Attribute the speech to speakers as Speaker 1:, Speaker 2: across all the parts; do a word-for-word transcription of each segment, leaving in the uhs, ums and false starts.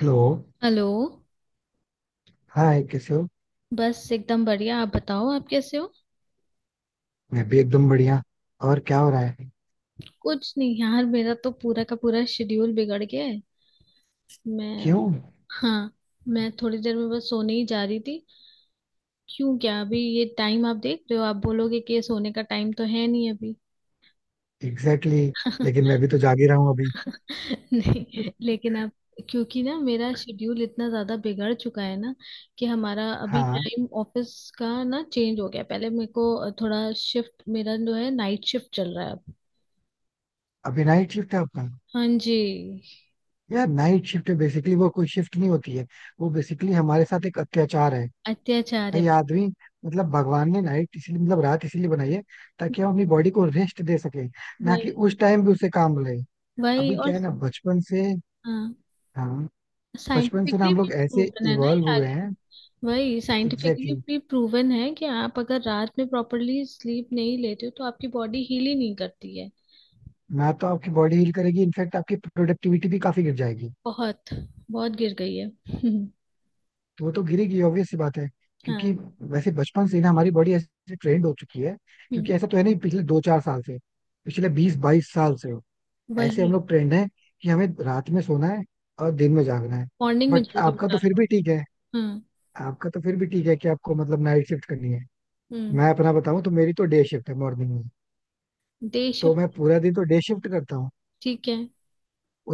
Speaker 1: Hello.
Speaker 2: Hello.
Speaker 1: Hi, कैसे हो?
Speaker 2: बस एकदम बढ़िया, आप बताओ, आप कैसे हो?
Speaker 1: मैं भी एकदम बढ़िया. और क्या हो रहा है?
Speaker 2: कुछ नहीं यार, मेरा तो पूरा का पूरा शेड्यूल बिगड़ गया है। मैं
Speaker 1: क्यों?
Speaker 2: हाँ। मैं थोड़ी देर में बस सोने ही जा रही थी। क्यों? क्या अभी ये टाइम आप देख रहे हो, आप बोलोगे कि ये सोने का टाइम तो है नहीं अभी।
Speaker 1: Exactly exactly. लेकिन मैं भी तो जाग ही रहा हूँ अभी.
Speaker 2: नहीं लेकिन आप क्योंकि ना मेरा शेड्यूल इतना ज्यादा बिगड़ चुका है ना, कि हमारा अभी
Speaker 1: हाँ.
Speaker 2: टाइम ऑफिस का ना चेंज हो गया। पहले मेरे को थोड़ा शिफ्ट मेरा जो है, नाइट शिफ्ट चल रहा है अब।
Speaker 1: अभी नाइट शिफ्ट है आपका?
Speaker 2: हाँ जी।
Speaker 1: यार, नाइट शिफ्ट है बेसिकली वो कोई शिफ्ट नहीं होती है. वो बेसिकली हमारे साथ एक अत्याचार है.
Speaker 2: अत्याचार है।
Speaker 1: भाई आदमी, मतलब भगवान ने नाइट इसलिए मतलब रात इसीलिए बनाई है ताकि हम अपनी बॉडी को रेस्ट दे सके. ना कि
Speaker 2: वही।
Speaker 1: उस टाइम भी उसे काम रहे.
Speaker 2: वही।
Speaker 1: अभी
Speaker 2: और
Speaker 1: क्या है ना, बचपन से.
Speaker 2: हाँ।
Speaker 1: हाँ. बचपन से ना
Speaker 2: साइंटिफिकली
Speaker 1: हम
Speaker 2: भी
Speaker 1: लोग ऐसे
Speaker 2: प्रूवन है ना
Speaker 1: इवॉल्व
Speaker 2: यार
Speaker 1: हुए
Speaker 2: ये।
Speaker 1: हैं.
Speaker 2: वही साइंटिफिकली
Speaker 1: एग्जैक्टली.
Speaker 2: भी प्रूवन है कि आप अगर रात में प्रॉपरली स्लीप नहीं लेते हो तो आपकी बॉडी हील ही नहीं करती है।
Speaker 1: ना तो आपकी बॉडी हील करेगी, इनफैक्ट आपकी प्रोडक्टिविटी भी काफी गिर जाएगी.
Speaker 2: बहुत, बहुत गिर गई है।
Speaker 1: तो वो तो गिरेगी, ऑब्वियस सी बात है. क्योंकि
Speaker 2: हाँ।
Speaker 1: वैसे बचपन से ही ना हमारी बॉडी ऐसे ट्रेंड हो चुकी है.
Speaker 2: हम्म।
Speaker 1: क्योंकि ऐसा तो है नहीं पिछले दो चार साल से, पिछले बीस बाईस साल से ऐसे हम
Speaker 2: वही।
Speaker 1: लोग ट्रेंड है कि हमें रात में सोना है और दिन में जागना है.
Speaker 2: मॉर्निंग में
Speaker 1: बट
Speaker 2: जल्दी
Speaker 1: आपका
Speaker 2: उठा
Speaker 1: तो फिर
Speaker 2: लो।
Speaker 1: भी ठीक है.
Speaker 2: हाँ।
Speaker 1: आपका तो फिर भी ठीक है कि आपको मतलब नाइट शिफ्ट करनी है.
Speaker 2: हम्म।
Speaker 1: मैं अपना बताऊं तो मेरी तो डे शिफ्ट है मॉर्निंग में.
Speaker 2: डे
Speaker 1: तो
Speaker 2: शिफ्ट।
Speaker 1: मैं पूरा दिन तो डे शिफ्ट करता हूँ.
Speaker 2: ठीक है।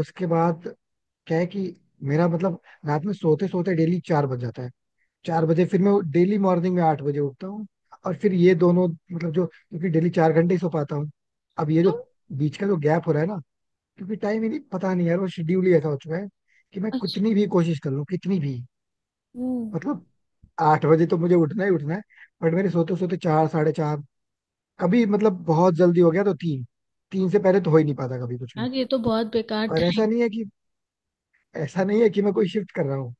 Speaker 1: उसके बाद क्या है कि मेरा मतलब रात में सोते सोते डेली चार बज जाता है. चार बजे फिर मैं डेली मॉर्निंग में आठ बजे उठता हूँ. और फिर ये दोनों मतलब जो, क्योंकि डेली चार घंटे ही सो पाता हूँ. अब ये
Speaker 2: क्यों?
Speaker 1: जो बीच का जो गैप हो रहा है ना, क्योंकि टाइम ही नहीं, पता नहीं यार, वो शेड्यूल ही ऐसा हो चुका है कि मैं
Speaker 2: अच्छा।
Speaker 1: कितनी भी कोशिश कर लूँ, कितनी भी,
Speaker 2: वो
Speaker 1: मतलब आठ बजे तो मुझे उठना ही उठना है. बट मेरे सोते सोते चार, साढ़े चार, कभी मतलब बहुत जल्दी हो गया तो तीन. तीन से पहले तो हो ही नहीं पाता कभी कुछ भी.
Speaker 2: यार ये तो बहुत बेकार
Speaker 1: और
Speaker 2: टाइम।
Speaker 1: ऐसा नहीं है कि ऐसा नहीं है कि मैं कोई शिफ्ट कर रहा हूँ,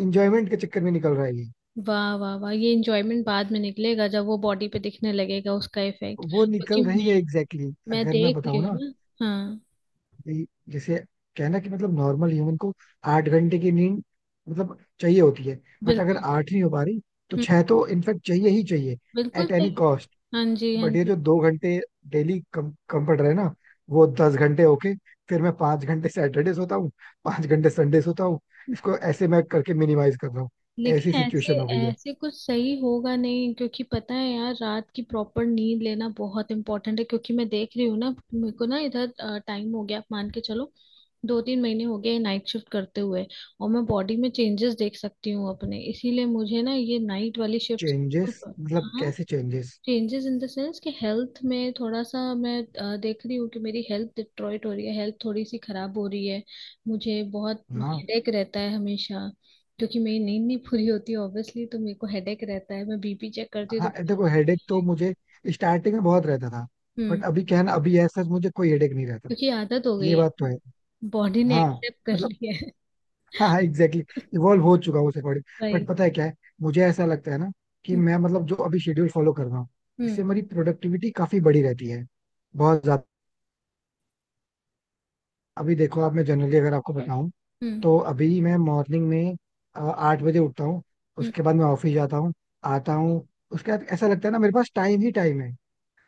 Speaker 1: इंजॉयमेंट के चक्कर में निकल रहा है ये.
Speaker 2: वाह वाह वाह, ये एंजॉयमेंट बाद में निकलेगा जब वो बॉडी पे दिखने लगेगा उसका इफेक्ट,
Speaker 1: वो
Speaker 2: क्योंकि
Speaker 1: निकल
Speaker 2: मैं
Speaker 1: रही है, एग्जैक्टली exactly.
Speaker 2: मैं
Speaker 1: अगर मैं
Speaker 2: देख
Speaker 1: बताऊँ
Speaker 2: रही हूँ
Speaker 1: ना,
Speaker 2: ना। हाँ।
Speaker 1: ये जैसे कहना कि मतलब नॉर्मल ह्यूमन को आठ घंटे की नींद मतलब चाहिए होती है. बट अगर
Speaker 2: बिल्कुल।
Speaker 1: आठ नहीं हो पा रही तो
Speaker 2: हम्म,
Speaker 1: छह तो इनफेक्ट चाहिए ही चाहिए,
Speaker 2: बिल्कुल
Speaker 1: एट
Speaker 2: सही
Speaker 1: एनी
Speaker 2: है।
Speaker 1: कॉस्ट.
Speaker 2: हाँ जी, हाँ
Speaker 1: बट ये जो
Speaker 2: जी।
Speaker 1: दो घंटे डेली कम कम पड़ रहे हैं ना, वो दस घंटे होके, फिर मैं पांच घंटे सैटरडे सोता हूँ, पांच घंटे संडे सोता हूँ. इसको ऐसे मैं करके मिनिमाइज कर रहा हूँ. ऐसी
Speaker 2: लेकिन ऐसे
Speaker 1: सिचुएशन हो गई है.
Speaker 2: ऐसे कुछ सही होगा नहीं, क्योंकि पता है यार रात की प्रॉपर नींद लेना बहुत इंपॉर्टेंट है। क्योंकि मैं देख रही हूँ ना, मेरे को ना इधर टाइम हो गया, आप मान के चलो दो तीन महीने हो गए नाइट शिफ्ट करते हुए। और मैं बॉडी में चेंजेस देख सकती हूँ अपने, इसीलिए मुझे ना ये नाइट वाली शिफ्ट।
Speaker 1: चेंजेस मतलब
Speaker 2: हाँ।
Speaker 1: कैसे changes?
Speaker 2: Changes in the sense कि हेल्थ में थोड़ा सा मैं अ, देख रही हूँ कि मेरी हेल्थ डिस्ट्रॉयट हो रही है, हेल्थ थोड़ी सी खराब हो रही है। मुझे बहुत
Speaker 1: हाँ
Speaker 2: हेडेक रहता है हमेशा, क्योंकि मेरी नींद नहीं पूरी होती ऑब्वियसली तो मेरे को हेडेक रहता है। मैं बीपी चेक करती हूँ
Speaker 1: हाँ,
Speaker 2: तो
Speaker 1: देखो हेडेक तो
Speaker 2: high।
Speaker 1: मुझे स्टार्टिंग में बहुत रहता था. बट
Speaker 2: हम्म।
Speaker 1: अभी क्या है ना, अभी ऐसा मुझे कोई हेडेक नहीं रहता.
Speaker 2: क्योंकि आदत हो गई
Speaker 1: ये बात तो
Speaker 2: है।
Speaker 1: है.
Speaker 2: बॉडी ने
Speaker 1: हाँ.
Speaker 2: एक्सेप्ट कर
Speaker 1: मतलब
Speaker 2: लिया है।
Speaker 1: हाँ हाँ एग्जैक्टली, इवॉल्व हो चुका हूँ उस अकॉर्डिंग. बट
Speaker 2: भाई।
Speaker 1: पता है क्या है, मुझे ऐसा लगता है ना कि
Speaker 2: हम्म।
Speaker 1: मैं मतलब जो अभी शेड्यूल फॉलो कर रहा हूँ, इससे
Speaker 2: हम्म।
Speaker 1: मेरी प्रोडक्टिविटी काफी बड़ी रहती है, बहुत ज्यादा. अभी देखो आप, मैं जनरली अगर आपको बताऊं
Speaker 2: हम्म।
Speaker 1: तो अभी मैं मॉर्निंग में अ, आठ बजे उठता हूँ.
Speaker 2: हम्म।
Speaker 1: उसके बाद मैं ऑफिस जाता हूँ, आता हूँ. उसके बाद ऐसा लगता है ना मेरे पास टाइम ही टाइम है.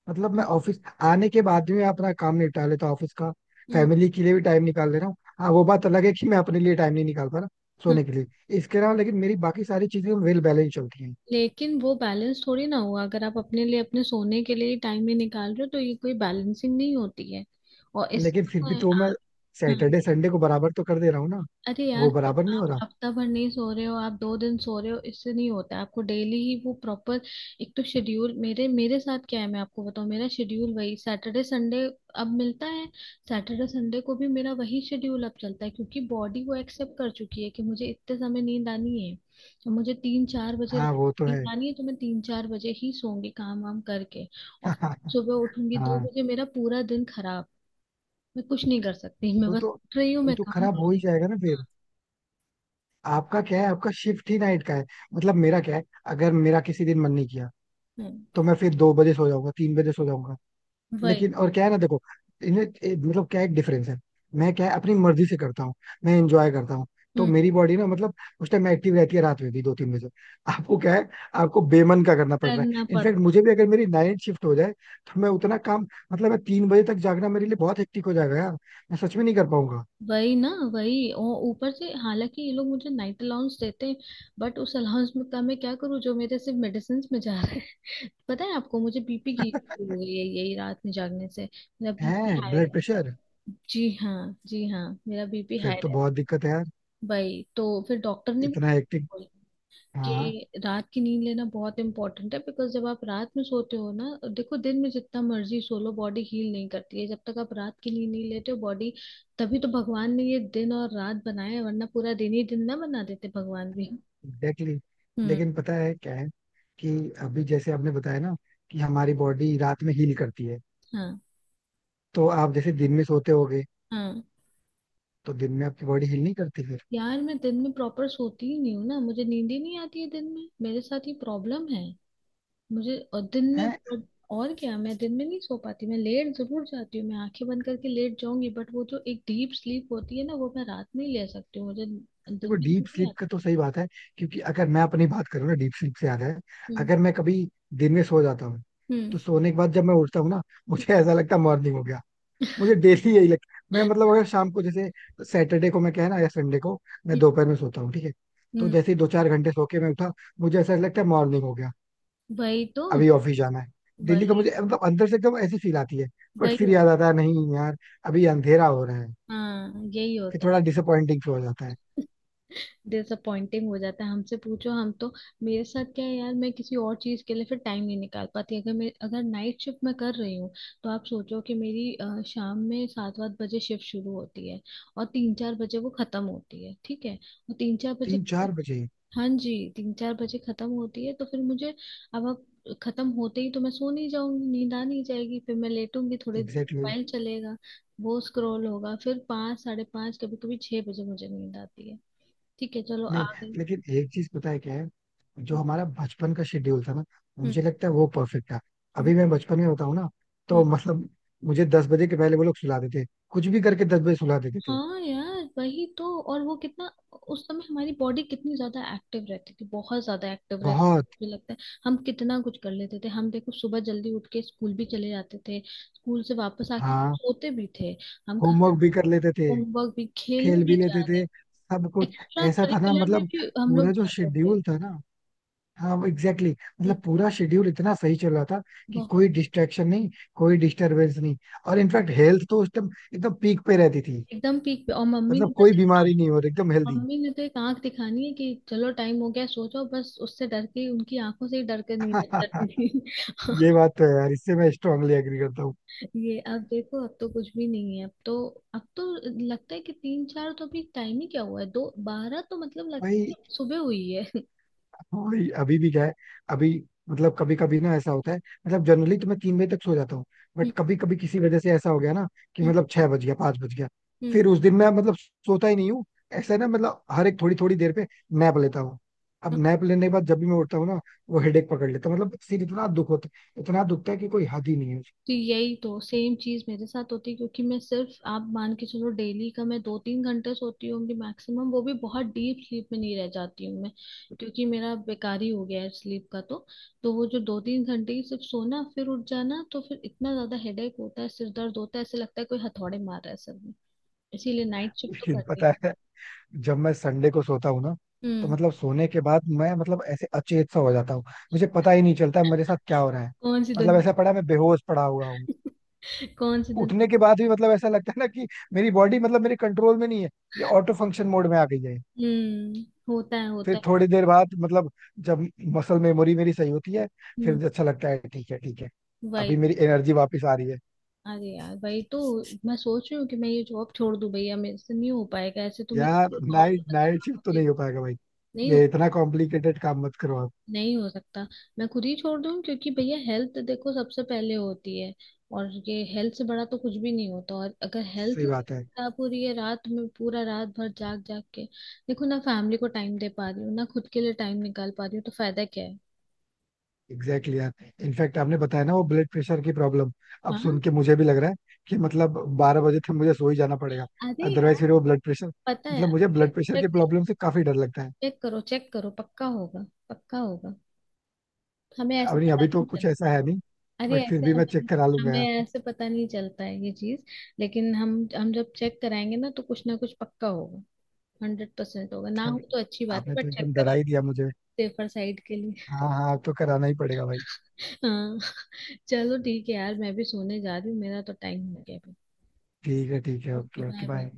Speaker 1: मतलब मैं
Speaker 2: हम्म।
Speaker 1: ऑफिस आने के बाद भी मैं अपना काम निपटा लेता हूँ ऑफिस का.
Speaker 2: हम्म।
Speaker 1: फैमिली के लिए भी टाइम निकाल ले रहा हूँ. हाँ वो बात अलग है कि मैं अपने लिए टाइम नहीं निकाल पा रहा सोने के लिए. इसके अलावा लेकिन मेरी बाकी सारी चीजें वेल बैलेंस चलती हैं.
Speaker 2: लेकिन वो बैलेंस थोड़ी ना हुआ अगर आप अपने लिए अपने सोने के लिए टाइम ही निकाल रहे हो, तो ये कोई बैलेंसिंग नहीं होती है। और इस
Speaker 1: लेकिन फिर भी तो मैं
Speaker 2: हाँ।
Speaker 1: सैटरडे संडे को बराबर तो कर दे रहा हूँ ना.
Speaker 2: अरे यार
Speaker 1: वो
Speaker 2: सिर्फ
Speaker 1: बराबर नहीं
Speaker 2: आप
Speaker 1: हो रहा.
Speaker 2: हफ्ता भर नहीं सो रहे हो, आप दो दिन सो रहे हो, इससे नहीं होता है। आपको डेली ही वो प्रॉपर एक तो शेड्यूल मेरे मेरे साथ क्या है, मैं आपको बताऊं, मेरा शेड्यूल वही सैटरडे संडे अब मिलता है। सैटरडे संडे को भी मेरा वही शेड्यूल अब चलता है, क्योंकि बॉडी वो एक्सेप्ट कर चुकी है कि मुझे इतने समय नींद आनी है। तो मुझे तीन चार बजे
Speaker 1: हाँ वो तो है.
Speaker 2: नींद आनी है तो मैं तीन चार बजे ही सोऊंगी, काम वाम करके। और सुबह उठूंगी दो
Speaker 1: हाँ.
Speaker 2: बजे मेरा पूरा दिन खराब। मैं कुछ नहीं कर सकती, मैं
Speaker 1: वो
Speaker 2: बस
Speaker 1: तो,
Speaker 2: उठ रही हूँ,
Speaker 1: वो
Speaker 2: मैं
Speaker 1: तो
Speaker 2: काम
Speaker 1: खराब
Speaker 2: कर
Speaker 1: हो ही
Speaker 2: रही
Speaker 1: जाएगा ना फिर. आपका क्या है, आपका शिफ्ट ही नाइट का है. मतलब मेरा क्या है, अगर मेरा किसी दिन मन नहीं किया
Speaker 2: हूँ। हाँ,
Speaker 1: तो मैं फिर दो बजे सो जाऊंगा, तीन बजे सो जाऊंगा.
Speaker 2: वही।
Speaker 1: लेकिन और क्या है ना, देखो, इन्हें ए- मतलब क्या, एक डिफरेंस है. मैं क्या है, अपनी मर्जी से करता हूँ, मैं एंजॉय करता हूँ. तो
Speaker 2: हम्म।
Speaker 1: मेरी बॉडी ना मतलब उस टाइम एक्टिव रहती है रात में भी, दो तीन बजे. आपको क्या है, आपको बेमन का करना पड़ रहा
Speaker 2: करना
Speaker 1: है.
Speaker 2: पड़
Speaker 1: इनफैक्ट
Speaker 2: रहा है।
Speaker 1: मुझे भी, अगर मेरी नाइट शिफ्ट हो जाए तो मैं उतना काम, मतलब मैं तीन बजे तक जागना मेरे लिए बहुत हेक्टिक हो जाएगा यार. मैं सच में नहीं कर पाऊंगा.
Speaker 2: वही ना, वही, और ऊपर से हालांकि ये लोग मुझे नाइट अलाउंस देते हैं, बट उस अलाउंस में का मैं क्या करूँ, जो मेरे सिर्फ मेडिसिन में जा रहा है। पता है आपको, मुझे बीपी की issue हो गई है, यही रात में जागने से। मेरा
Speaker 1: है
Speaker 2: बीपी हाई
Speaker 1: ब्लड
Speaker 2: रहता है।
Speaker 1: प्रेशर?
Speaker 2: जी हाँ, जी हाँ, मेरा बीपी
Speaker 1: फिर
Speaker 2: हाई
Speaker 1: तो
Speaker 2: रहता है।
Speaker 1: बहुत दिक्कत है यार.
Speaker 2: वही तो, फिर डॉक्टर ने
Speaker 1: इतना
Speaker 2: भी
Speaker 1: हेक्टिक.
Speaker 2: बोला
Speaker 1: हाँ.
Speaker 2: कि रात की नींद लेना बहुत इंपॉर्टेंट है, बिकॉज जब आप रात में सोते हो ना, देखो दिन में जितना मर्जी सो लो बॉडी हील नहीं करती है, जब तक आप रात की नींद नहीं लेते हो बॉडी। तभी तो भगवान ने ये दिन और रात बनाया है, वरना पूरा दिन ही दिन ना बना देते भगवान भी।
Speaker 1: Exactly exactly.
Speaker 2: हम्म।
Speaker 1: लेकिन पता है क्या है, कि अभी जैसे आपने बताया ना कि हमारी बॉडी रात में हील करती है,
Speaker 2: हाँ।
Speaker 1: तो आप जैसे दिन में सोते होगे,
Speaker 2: हाँ
Speaker 1: तो दिन में आपकी बॉडी हील नहीं करती फिर?
Speaker 2: यार, मैं दिन में प्रॉपर सोती ही नहीं हूँ ना, मुझे नींद ही नहीं आती है दिन में, मेरे साथ ये प्रॉब्लम है। मुझे और दिन में
Speaker 1: है.
Speaker 2: और और क्या, मैं दिन में नहीं सो पाती। मैं लेट जरूर जाती हूँ, मैं आंखें बंद करके लेट जाऊंगी, बट वो जो एक डीप स्लीप होती है ना, वो मैं रात में ही ले सकती हूँ, मुझे दिन
Speaker 1: देखो
Speaker 2: में
Speaker 1: डीप
Speaker 2: नींद नहीं
Speaker 1: स्लीप
Speaker 2: आती।
Speaker 1: का तो सही बात है, क्योंकि अगर मैं अपनी बात करूँ ना, डीप स्लीप से याद है,
Speaker 2: हम्म।
Speaker 1: अगर मैं कभी दिन में सो जाता हूँ
Speaker 2: हम्म।
Speaker 1: तो सोने के बाद जब मैं उठता हूँ ना, मुझे ऐसा लगता है मॉर्निंग हो गया. मुझे डेली यही लगता है. मैं मतलब अगर शाम को जैसे, सैटरडे को मैं क्या है ना, या संडे को मैं दोपहर में सोता हूँ ठीक है, तो
Speaker 2: हम्म,
Speaker 1: जैसे ही दो चार घंटे सो के मैं उठा, मुझे ऐसा लगता है मॉर्निंग हो गया,
Speaker 2: वही तो।
Speaker 1: अभी ऑफिस जाना है. डेली का
Speaker 2: वही।
Speaker 1: मुझे मतलब अंदर से एकदम ऐसी फील आती है. बट
Speaker 2: वही
Speaker 1: फिर
Speaker 2: होता
Speaker 1: याद आता है नहीं यार, अभी अंधेरा हो रहा है.
Speaker 2: हाँ, यही
Speaker 1: फिर
Speaker 2: होता है।
Speaker 1: थोड़ा डिसअपॉइंटिंग हो जाता है.
Speaker 2: डिसअपॉइंटिंग हो जाता है, हमसे पूछो हम तो। मेरे साथ क्या है यार, मैं किसी और चीज के लिए फिर टाइम नहीं निकाल पाती, अगर मैं, अगर नाइट शिफ्ट मैं कर रही हूँ। तो आप सोचो, कि मेरी अ, शाम में सात आठ बजे शिफ्ट शुरू होती है और तीन चार बजे वो खत्म होती है, ठीक है। और तीन चार बजे,
Speaker 1: तीन चार बजे.
Speaker 2: हाँ जी, तीन चार बजे खत्म होती है तो फिर मुझे अब अब खत्म होते ही तो मैं सो नहीं जाऊंगी, नींद आ नहीं जाएगी, फिर मैं लेटूंगी थोड़ी देर,
Speaker 1: एग्जैक्टली.
Speaker 2: मोबाइल चलेगा, वो स्क्रॉल होगा, फिर पाँच, साढ़े पाँच कभी कभी छह बजे मुझे नींद आती है। ठीक है, चलो आ
Speaker 1: नहीं
Speaker 2: गई।
Speaker 1: लेकिन एक चीज पता है क्या है, जो हमारा बचपन का शेड्यूल था ना,
Speaker 2: हम्म।
Speaker 1: मुझे लगता है वो परफेक्ट था.
Speaker 2: ब-
Speaker 1: अभी मैं बचपन में बताऊँ ना,
Speaker 2: हम्म।
Speaker 1: तो मतलब मुझे दस बजे के पहले वो लोग सुला देते, कुछ भी करके दस बजे सुला देते थे.
Speaker 2: हाँ यार, वही तो। और वो कितना, उस समय हमारी बॉडी कितनी ज्यादा एक्टिव रहती थी, बहुत ज्यादा एक्टिव रहती थी।
Speaker 1: बहुत.
Speaker 2: मुझे लगता है, हम कितना कुछ कर लेते थे, हम देखो सुबह जल्दी उठ के स्कूल भी चले जाते थे, स्कूल से वापस आके
Speaker 1: हाँ.
Speaker 2: सोते भी थे। हम खाना
Speaker 1: होमवर्क भी कर
Speaker 2: खाते,
Speaker 1: लेते थे.
Speaker 2: होमवर्क भी, खेलने
Speaker 1: खेल
Speaker 2: भी
Speaker 1: भी लेते
Speaker 2: जा रहे,
Speaker 1: थे. सब कुछ.
Speaker 2: एक्स्ट्रा
Speaker 1: ऐसा था ना,
Speaker 2: करिकुलर में
Speaker 1: मतलब
Speaker 2: भी हम लोग
Speaker 1: पूरा जो
Speaker 2: जाते थे।
Speaker 1: शेड्यूल था ना, हाँ एग्जैक्टली exactly,
Speaker 2: हम्म।
Speaker 1: मतलब पूरा शेड्यूल इतना सही चल रहा था कि
Speaker 2: बहुत।
Speaker 1: कोई डिस्ट्रैक्शन नहीं, कोई डिस्टरबेंस नहीं. और इनफैक्ट हेल्थ तो उस टाइम एकदम पीक पे रहती थी,
Speaker 2: एकदम पीक पे। और मम्मी ने
Speaker 1: मतलब
Speaker 2: बस
Speaker 1: कोई
Speaker 2: एक
Speaker 1: बीमारी नहीं हो रही, एकदम हेल्दी.
Speaker 2: मम्मी ने तो एक आंख दिखानी है कि चलो टाइम हो गया सो जाओ, बस उससे डर के, उनकी आंखों से ही डर के नहीं करती थी।
Speaker 1: ये बात तो है यार, इससे मैं स्ट्रांगली एग्री करता हूँ.
Speaker 2: ये अब देखो, अब तो कुछ भी नहीं है। अब तो अब तो लगता है कि तीन चार तो अभी टाइम ही क्या हुआ है, दो बारह तो मतलब लगता
Speaker 1: भाई.
Speaker 2: है सुबह हुई है।
Speaker 1: भाई अभी भी क्या है, अभी मतलब कभी कभी ना ऐसा होता है. मतलब जनरली तो मैं तीन बजे तक सो जाता हूँ, बट
Speaker 2: हम्म।
Speaker 1: कभी कभी किसी वजह से ऐसा हो गया ना कि मतलब छह बज गया, पांच बज गया, फिर
Speaker 2: हम्म।
Speaker 1: उस दिन मैं मतलब सोता ही नहीं हूँ. ऐसा है ना मतलब हर एक थोड़ी थोड़ी देर पे नैप लेता हूँ. अब
Speaker 2: हम्म।
Speaker 1: नैप लेने के बाद जब भी मैं उठता हूँ ना, वो हेडेक पकड़ लेता है. मतलब सिर इतना दुख होता है, इतना दुखता है कि कोई हद ही नहीं है.
Speaker 2: तो यही तो सेम चीज मेरे साथ होती है, क्योंकि मैं सिर्फ, आप मान के चलो, डेली का मैं दो तीन घंटे सोती होंगी मैक्सिमम, वो भी बहुत डीप स्लीप में नहीं रह जाती हूँ मैं, क्योंकि मेरा बेकार ही हो गया है स्लीप का तो। तो वो जो दो तीन घंटे ही सिर्फ सोना, फिर उठ जाना, तो फिर इतना ज्यादा हेडेक होता है, सिर दर्द होता है, ऐसे लगता है कोई हथौड़े मार रहा है सर में। इसीलिए नाइट शिफ्ट तो
Speaker 1: मुश्किल
Speaker 2: करनी
Speaker 1: पता
Speaker 2: है।
Speaker 1: है, जब मैं संडे को सोता हूँ ना, तो
Speaker 2: हम्म।
Speaker 1: मतलब सोने के बाद मैं मतलब ऐसे अचेत सा हो जाता हूँ. मुझे पता ही नहीं चलता मेरे साथ क्या हो रहा है.
Speaker 2: कौन सी
Speaker 1: मतलब ऐसा पड़ा, मैं बेहोश पड़ा हुआ हूँ.
Speaker 2: दुनिया? कौन सी दुनिया?
Speaker 1: उठने के बाद भी मतलब ऐसा लगता है ना कि मेरी बॉडी मतलब मेरे कंट्रोल में नहीं है, ये ऑटो फंक्शन मोड में आ गई है.
Speaker 2: हम्म। होता है,
Speaker 1: फिर
Speaker 2: होता है।
Speaker 1: थोड़ी देर बाद मतलब जब मसल मेमोरी मेरी सही होती है,
Speaker 2: हम्म।
Speaker 1: फिर अच्छा लगता है, ठीक है ठीक है, अभी
Speaker 2: वही।
Speaker 1: मेरी एनर्जी वापस आ रही है.
Speaker 2: अरे यार भाई, तो मैं सोच रही हूँ कि मैं ये जॉब छोड़ दूँ, भैया मेरे से नहीं हो पाएगा ऐसे, तो
Speaker 1: यार,
Speaker 2: मेरी, और
Speaker 1: नाइट
Speaker 2: मतलब
Speaker 1: नाइट
Speaker 2: आप
Speaker 1: शिफ्ट तो
Speaker 2: मुझे,
Speaker 1: नहीं हो पाएगा भाई.
Speaker 2: नहीं हो
Speaker 1: ये इतना कॉम्प्लिकेटेड काम मत करो आप.
Speaker 2: नहीं हो सकता। मैं खुद ही छोड़ दूँ, क्योंकि भैया हेल्थ देखो सबसे पहले होती है, और ये हेल्थ से बड़ा तो कुछ भी नहीं होता। और अगर हेल्थ
Speaker 1: सही
Speaker 2: ही
Speaker 1: बात है.
Speaker 2: खराब हो रही है, रात में पूरा रात भर जाग जाग के, देखो ना फैमिली को टाइम दे पा रही हूँ, ना खुद के लिए टाइम निकाल पा रही हूँ, तो फायदा क्या है?
Speaker 1: एग्जैक्टली exactly यार, इनफैक्ट आपने बताया ना वो ब्लड प्रेशर की प्रॉब्लम, अब सुन
Speaker 2: हाँ।
Speaker 1: के मुझे भी लग रहा है कि मतलब बारह बजे तक मुझे सो ही जाना पड़ेगा.
Speaker 2: अरे
Speaker 1: अदरवाइज
Speaker 2: यार,
Speaker 1: फिर वो ब्लड प्रेशर,
Speaker 2: पता है।
Speaker 1: मतलब मुझे ब्लड प्रेशर
Speaker 2: चेक
Speaker 1: की
Speaker 2: करो।
Speaker 1: प्रॉब्लम से काफी डर लगता है.
Speaker 2: चेक करो, चेक करो, पक्का होगा। पक्का होगा। हमें
Speaker 1: अब
Speaker 2: ऐसे
Speaker 1: नहीं,
Speaker 2: पता
Speaker 1: अभी तो
Speaker 2: नहीं
Speaker 1: कुछ
Speaker 2: चलता।
Speaker 1: ऐसा है नहीं,
Speaker 2: अरे
Speaker 1: बट फिर
Speaker 2: ऐसे
Speaker 1: भी मैं
Speaker 2: हमें,
Speaker 1: चेक करा लूंगा
Speaker 2: हमें
Speaker 1: यार.
Speaker 2: ऐसे पता नहीं चलता है ये चीज। लेकिन हम हम जब चेक कराएंगे ना तो कुछ ना कुछ पक्का होगा। हंड्रेड परसेंट होगा, ना हो तो अच्छी बात है,
Speaker 1: आपने तो
Speaker 2: बट चेक
Speaker 1: एकदम डरा
Speaker 2: करा।
Speaker 1: ही दिया मुझे.
Speaker 2: सेफर साइड के लिए।
Speaker 1: हाँ हाँ, अब तो कराना ही पड़ेगा भाई.
Speaker 2: हाँ। चलो ठीक है यार, मैं भी सोने जा रही हूँ, मेरा तो टाइम हो गया अभी।
Speaker 1: ठीक है ठीक है.
Speaker 2: Okay
Speaker 1: okay okay
Speaker 2: bye bye.
Speaker 1: Bye.